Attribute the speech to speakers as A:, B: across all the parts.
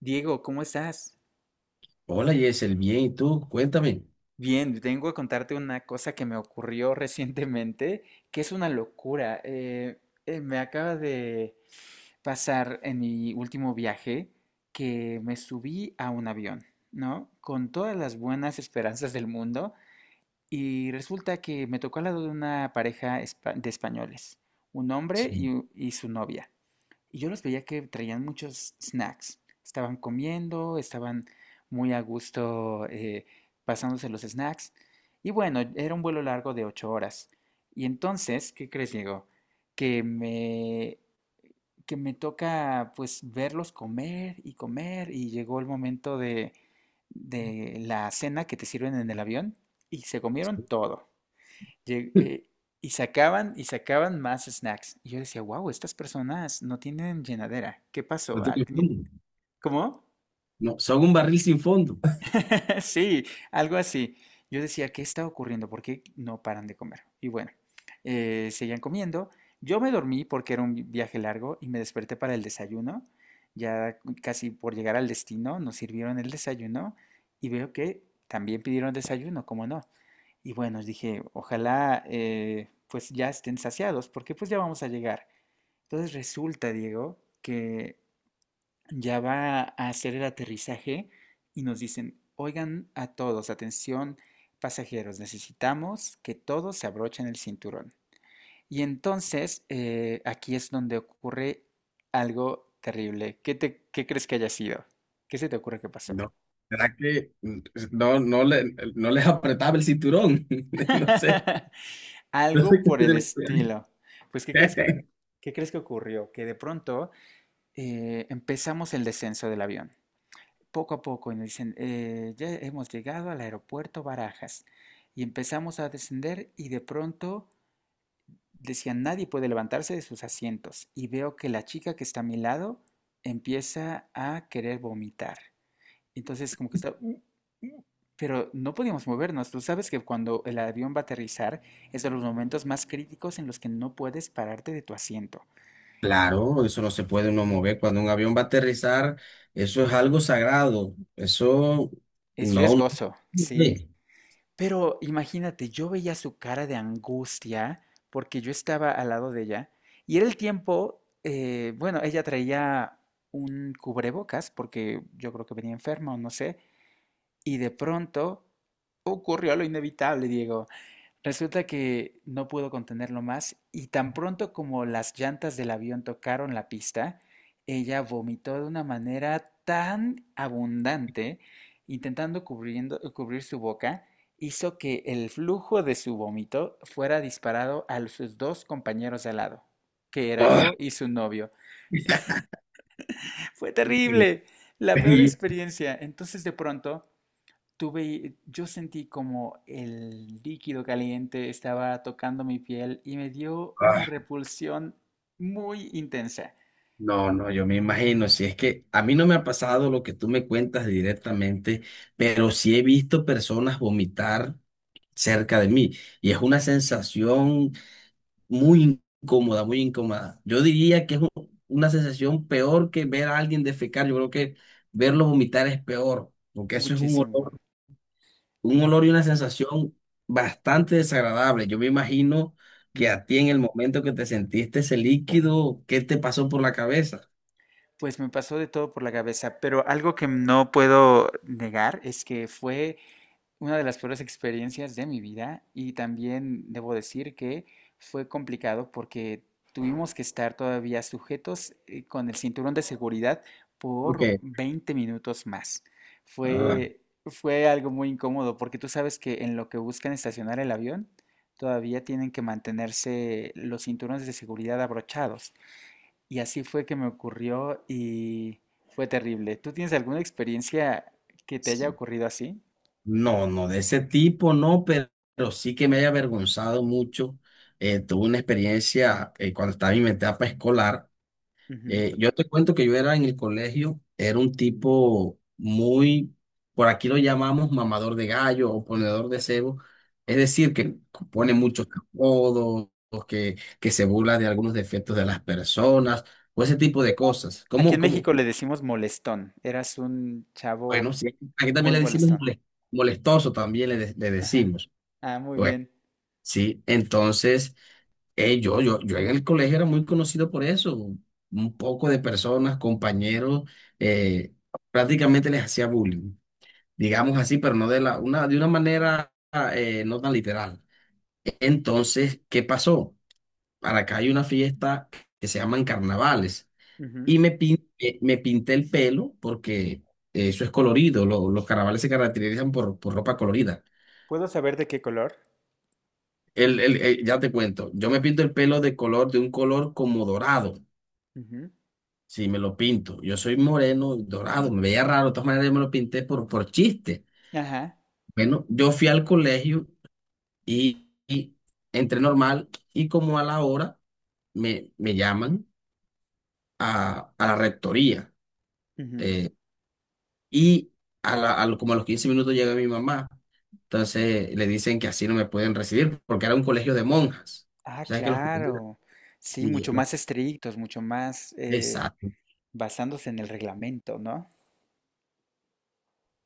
A: Diego, ¿cómo estás?
B: Hola Yesel, bien, ¿y tú? Cuéntame.
A: Bien, tengo a contarte una cosa que me ocurrió recientemente, que es una locura. Me acaba de pasar en mi último viaje que me subí a un avión, ¿no? Con todas las buenas esperanzas del mundo y resulta que me tocó al lado de una pareja de españoles, un hombre
B: Sí.
A: y su novia. Y yo los veía que traían muchos snacks. Estaban comiendo, estaban muy a gusto pasándose los snacks. Y bueno, era un vuelo largo de 8 horas. Y entonces, ¿qué crees, Diego? Que me, que me toca pues verlos comer y comer y llegó el momento de la cena que te sirven en el avión y se comieron todo. Lle- eh, y sacaban más snacks. Y yo decía, wow, estas personas no tienen llenadera. ¿Qué
B: No
A: pasó?
B: tiene fondo.
A: ¿Cómo?
B: No, son un barril sin fondo.
A: Sí, algo así. Yo decía, ¿qué está ocurriendo? ¿Por qué no paran de comer? Y bueno, seguían comiendo. Yo me dormí porque era un viaje largo y me desperté para el desayuno. Ya casi por llegar al destino nos sirvieron el desayuno y veo que también pidieron desayuno, ¿cómo no? Y bueno, dije, ojalá pues ya estén saciados porque pues ya vamos a llegar. Entonces resulta, Diego, que ya va a hacer el aterrizaje y nos dicen, oigan a todos, atención pasajeros, necesitamos que todos se abrochen el cinturón. Y entonces aquí es donde ocurre algo terrible. ¿Qué crees que haya sido? ¿Qué se te ocurre que pasó?
B: No, ¿será que no, no, no les apretaba el cinturón? No sé. ¿No sé
A: Algo
B: qué
A: por el
B: se me ocurre?
A: estilo. Pues, ¿qué crees que, ¿qué crees que ocurrió? Que de pronto empezamos el descenso del avión, poco a poco y nos dicen, ya hemos llegado al aeropuerto Barajas y empezamos a descender y de pronto decían, nadie puede levantarse de sus asientos y veo que la chica que está a mi lado empieza a querer vomitar. Entonces como que está... mm", pero no podíamos movernos. Tú sabes que cuando el avión va a aterrizar es de los momentos más críticos en los que no puedes pararte de tu asiento.
B: Claro, eso no se puede uno mover. Cuando un avión va a aterrizar, eso es algo sagrado. Eso
A: Es
B: no, no.
A: riesgoso, sí.
B: Sí.
A: Pero imagínate, yo veía su cara de angustia porque yo estaba al lado de ella y era el tiempo, bueno, ella traía un cubrebocas porque yo creo que venía enferma o no sé, y de pronto ocurrió lo inevitable, Diego. Resulta que no pudo contenerlo más y tan pronto como las llantas del avión tocaron la pista, ella vomitó de una manera tan abundante, intentando cubrir su boca, hizo que el flujo de su vómito fuera disparado a sus dos compañeros de al lado, que era
B: Ah,
A: yo y su novio. Fue terrible, la peor
B: sí.
A: experiencia. Entonces de pronto yo sentí como el líquido caliente estaba tocando mi piel y me dio una
B: Ah.
A: repulsión muy intensa,
B: No, no, yo me imagino, si es que a mí no me ha pasado lo que tú me cuentas directamente, pero sí he visto personas vomitar cerca de mí y es una sensación muy incómoda, muy incómoda. Yo diría que es una sensación peor que ver a alguien defecar, yo creo que verlo vomitar es peor, porque eso es
A: muchísimo.
B: un olor y una sensación bastante desagradable. Yo me imagino que
A: Ujú.
B: a ti en el momento que te sentiste ese líquido, ¿qué te pasó por la cabeza?
A: Pues me pasó de todo por la cabeza, pero algo que no puedo negar es que fue una de las peores experiencias de mi vida y también debo decir que fue complicado porque tuvimos que estar todavía sujetos con el cinturón de seguridad por
B: Porque
A: 20 minutos más. Fue algo muy incómodo porque tú sabes que en lo que buscan estacionar el avión, todavía tienen que mantenerse los cinturones de seguridad abrochados. Y así fue que me ocurrió y fue terrible. ¿Tú tienes alguna experiencia que te haya
B: sí.
A: ocurrido así?
B: No, no de ese tipo, no, pero sí que me haya avergonzado mucho. Tuve una experiencia cuando estaba en mi etapa escolar.
A: Ujú.
B: Yo te cuento que yo era en el colegio, era un tipo muy, por aquí lo llamamos mamador de gallo o ponedor de cebo, es decir, que pone muchos apodos, que se burla de algunos defectos de las personas, o ese tipo de cosas.
A: Aquí en México le decimos molestón. Eras un chavo
B: Bueno, sí, aquí también
A: muy
B: le decimos
A: molestón.
B: molestoso, también le
A: Ajá.
B: decimos.
A: Ah, muy
B: Bueno,
A: bien.
B: sí, entonces yo en el colegio era muy conocido por eso, un poco de personas, compañeros, eh, prácticamente les hacía bullying, digamos así, pero no de una manera no tan literal. Entonces, ¿qué pasó? Para acá hay una fiesta que se llaman carnavales
A: Ujú.
B: y me pinté el pelo porque eso es colorido, los carnavales se caracterizan por ropa colorida.
A: ¿Puedo saber de qué color?
B: Ya te cuento, yo me pinto el pelo de color, de un color como dorado,
A: Ujú.
B: si me lo pinto. Yo soy moreno, y dorado, me veía raro, de todas maneras yo me lo pinté por chiste.
A: Ajá.
B: Bueno, yo fui al colegio y entré normal y como a la hora me llaman a la rectoría
A: Ujú.
B: eh, y a la- a lo- como a los 15 minutos llega mi mamá. Entonces le dicen que así no me pueden recibir porque era un colegio de monjas.
A: Ah,
B: O sea que los colegios-
A: claro. Sí,
B: Sí,
A: mucho más estrictos, mucho más
B: exacto.
A: basándose en el reglamento, ¿no?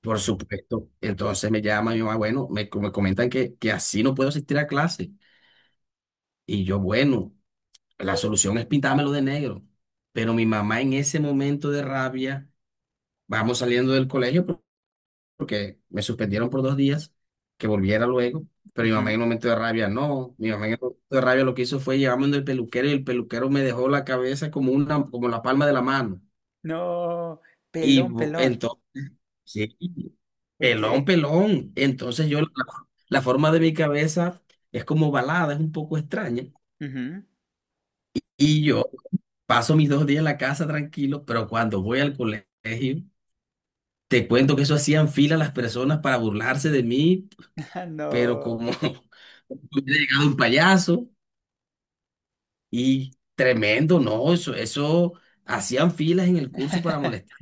B: Por supuesto. Entonces me llama mi mamá, bueno, me comentan que así no puedo asistir a clase. Y yo, bueno, la solución es pintármelo de negro. Pero mi mamá en ese momento de rabia, vamos saliendo del colegio porque me suspendieron por 2 días, que volviera luego. Pero mi mamá en
A: Ujú.
B: el momento de rabia, no. Mi mamá en el momento de rabia lo que hizo fue llevarme donde el peluquero y el peluquero me dejó la cabeza como una, como la palma de la mano.
A: No, pelón, pelón.
B: Entonces sí, pelón,
A: Ok.
B: pelón. Entonces yo, la forma de mi cabeza es como balada, es un poco extraña.
A: Ujú.
B: Y yo paso mis 2 días en la casa tranquilo, pero cuando voy al colegio, te cuento que eso hacían fila las personas para burlarse de mí,
A: Ah,
B: pero
A: no.
B: como hubiera llegado un payaso y tremendo, no, eso hacían filas en el curso para molestar.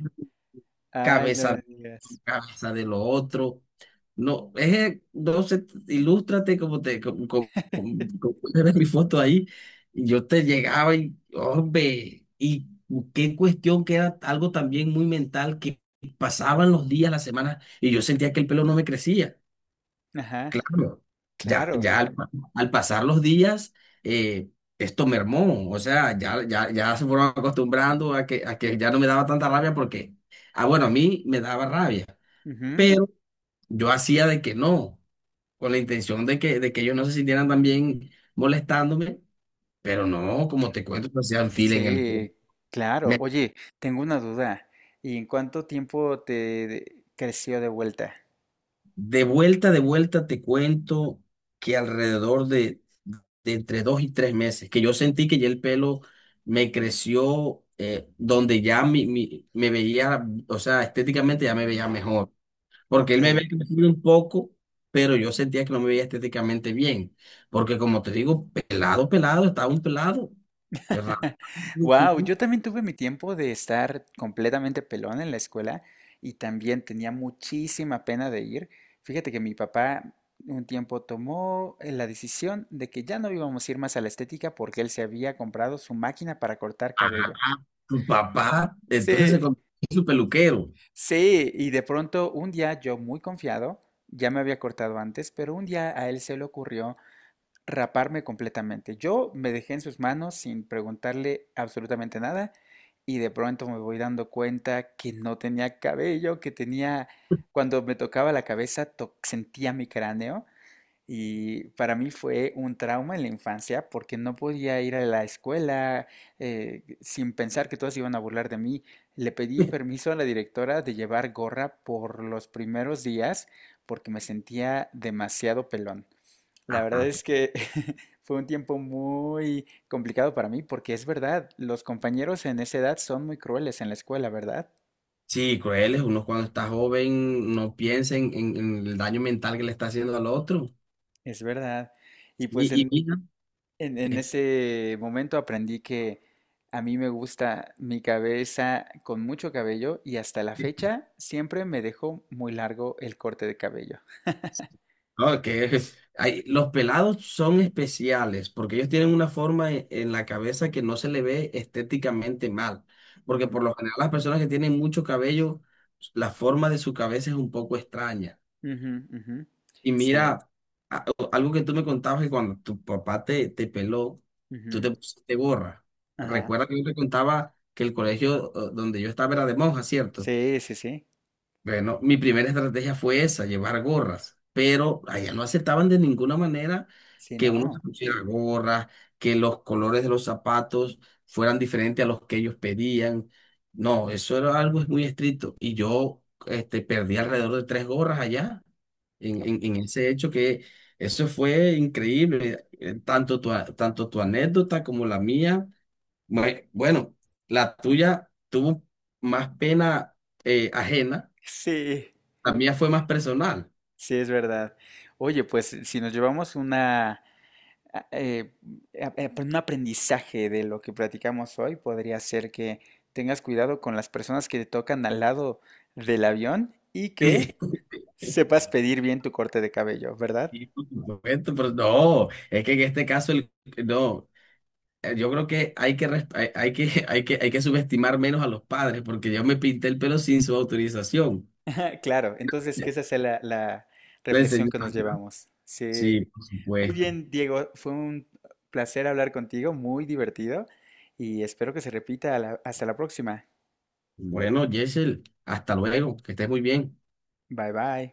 A: Ay, no me
B: Cabeza
A: digas.
B: casa de lo otro. No, es, no sé, ilústrate como te, como, como- como- como puedes ver mi foto ahí. Y yo te llegaba y, hombre, y qué cuestión que era algo también muy mental que pasaban los días, las semanas, y yo sentía que el pelo no me crecía.
A: Ajá,
B: Claro, ya,
A: claro.
B: ya al pasar los días, eh, esto mermó, o sea, ya se fueron acostumbrando a que ya no me daba tanta rabia porque, ah, bueno, a mí me daba rabia
A: Ujú.
B: yo hacía de que no, con la intención de que ellos no se sintieran también molestándome, pero no, como te cuento, pues, hacían fila en el.
A: Sí, claro.
B: me-
A: Oye, tengo una duda. ¿Y en cuánto tiempo creció de vuelta?
B: De vuelta, te cuento que alrededor de entre 2 y 3 meses, que yo sentí que ya el pelo me creció, donde ya me veía, o sea, estéticamente ya me veía mejor. Porque él me
A: Ok.
B: había crecido un poco, pero yo sentía que no me veía estéticamente bien, porque como te digo, pelado, pelado, estaba un pelado, ¿verdad?
A: Wow, yo también tuve mi tiempo de estar completamente pelón en la escuela y también tenía muchísima pena de ir. Fíjate que mi papá un tiempo tomó la decisión de que ya no íbamos a ir más a la estética porque él se había comprado su máquina para cortar cabello.
B: Tu papá, entonces se
A: Sí.
B: convirtió en su peluquero.
A: Sí, y de pronto un día yo muy confiado, ya me había cortado antes, pero un día a él se le ocurrió raparme completamente. Yo me dejé en sus manos sin preguntarle absolutamente nada y de pronto me voy dando cuenta que no tenía cabello, cuando me tocaba la cabeza, sentía mi cráneo y para mí fue un trauma en la infancia porque no podía ir a la escuela sin pensar que todos iban a burlar de mí. Le pedí permiso a la directora de llevar gorra por los primeros días porque me sentía demasiado pelón. La verdad
B: Ajá.
A: es que fue un tiempo muy complicado para mí porque es verdad, los compañeros en esa edad son muy crueles en la escuela, ¿verdad?
B: Sí, cruel es uno cuando está joven, no piensa en el daño mental que le está haciendo al otro.
A: Es verdad. Y
B: Y,
A: pues
B: y
A: en,
B: mira,
A: En ese momento aprendí que a mí me gusta mi cabeza con mucho cabello y hasta la fecha siempre me dejo muy largo el corte de cabello.
B: no, los pelados son especiales porque ellos tienen una forma en la cabeza que no se le ve estéticamente mal. Porque
A: Ujú,
B: por lo general las personas que tienen mucho cabello, la forma de su cabeza es un poco extraña.
A: ujú, ujú.
B: Y
A: Sí.
B: mira, a- algo que tú me contabas que cuando tu papá te peló, tú
A: Ujú.
B: te pusiste gorra.
A: Ajá.
B: Recuerda que yo te contaba que el colegio donde yo estaba era de monjas, ¿cierto?
A: Sí, sí, sí.
B: Bueno, mi primera estrategia fue esa, llevar gorras, pero allá no aceptaban de ninguna manera
A: Sí,
B: que uno se
A: no.
B: pusiera gorras, que los colores de los zapatos fueran diferentes a los que ellos pedían. No, eso era algo muy estricto. Y yo, perdí alrededor de tres gorras allá en ese hecho que eso fue increíble. Tanto tu anécdota como la mía. Bueno, la tuya tuvo más pena ajena.
A: Sí,
B: La mía fue más personal.
A: sí, es verdad. Oye, pues si nos llevamos a- eh, pues, un aprendizaje de lo que platicamos hoy podría ser que tengas cuidado con las personas que te tocan al lado del avión y que
B: Sí,
A: sepas pedir bien tu corte de cabello, ¿verdad?
B: sí, por supuesto, pero no, es que en este caso, no, yo creo que hay que, res- hay que, hay que subestimar menos a los padres, porque yo me pinté el pelo sin su autorización.
A: Claro, entonces
B: Sí.
A: que esa sea la
B: Le
A: reflexión
B: enseñé-
A: que nos llevamos. Sí,
B: Sí, por
A: muy
B: supuesto.
A: bien, Diego, fue un placer hablar contigo, muy divertido y espero que se repita. Hasta la próxima.
B: Bueno, Yesel, hasta luego, que estés muy bien.
A: Bye bye.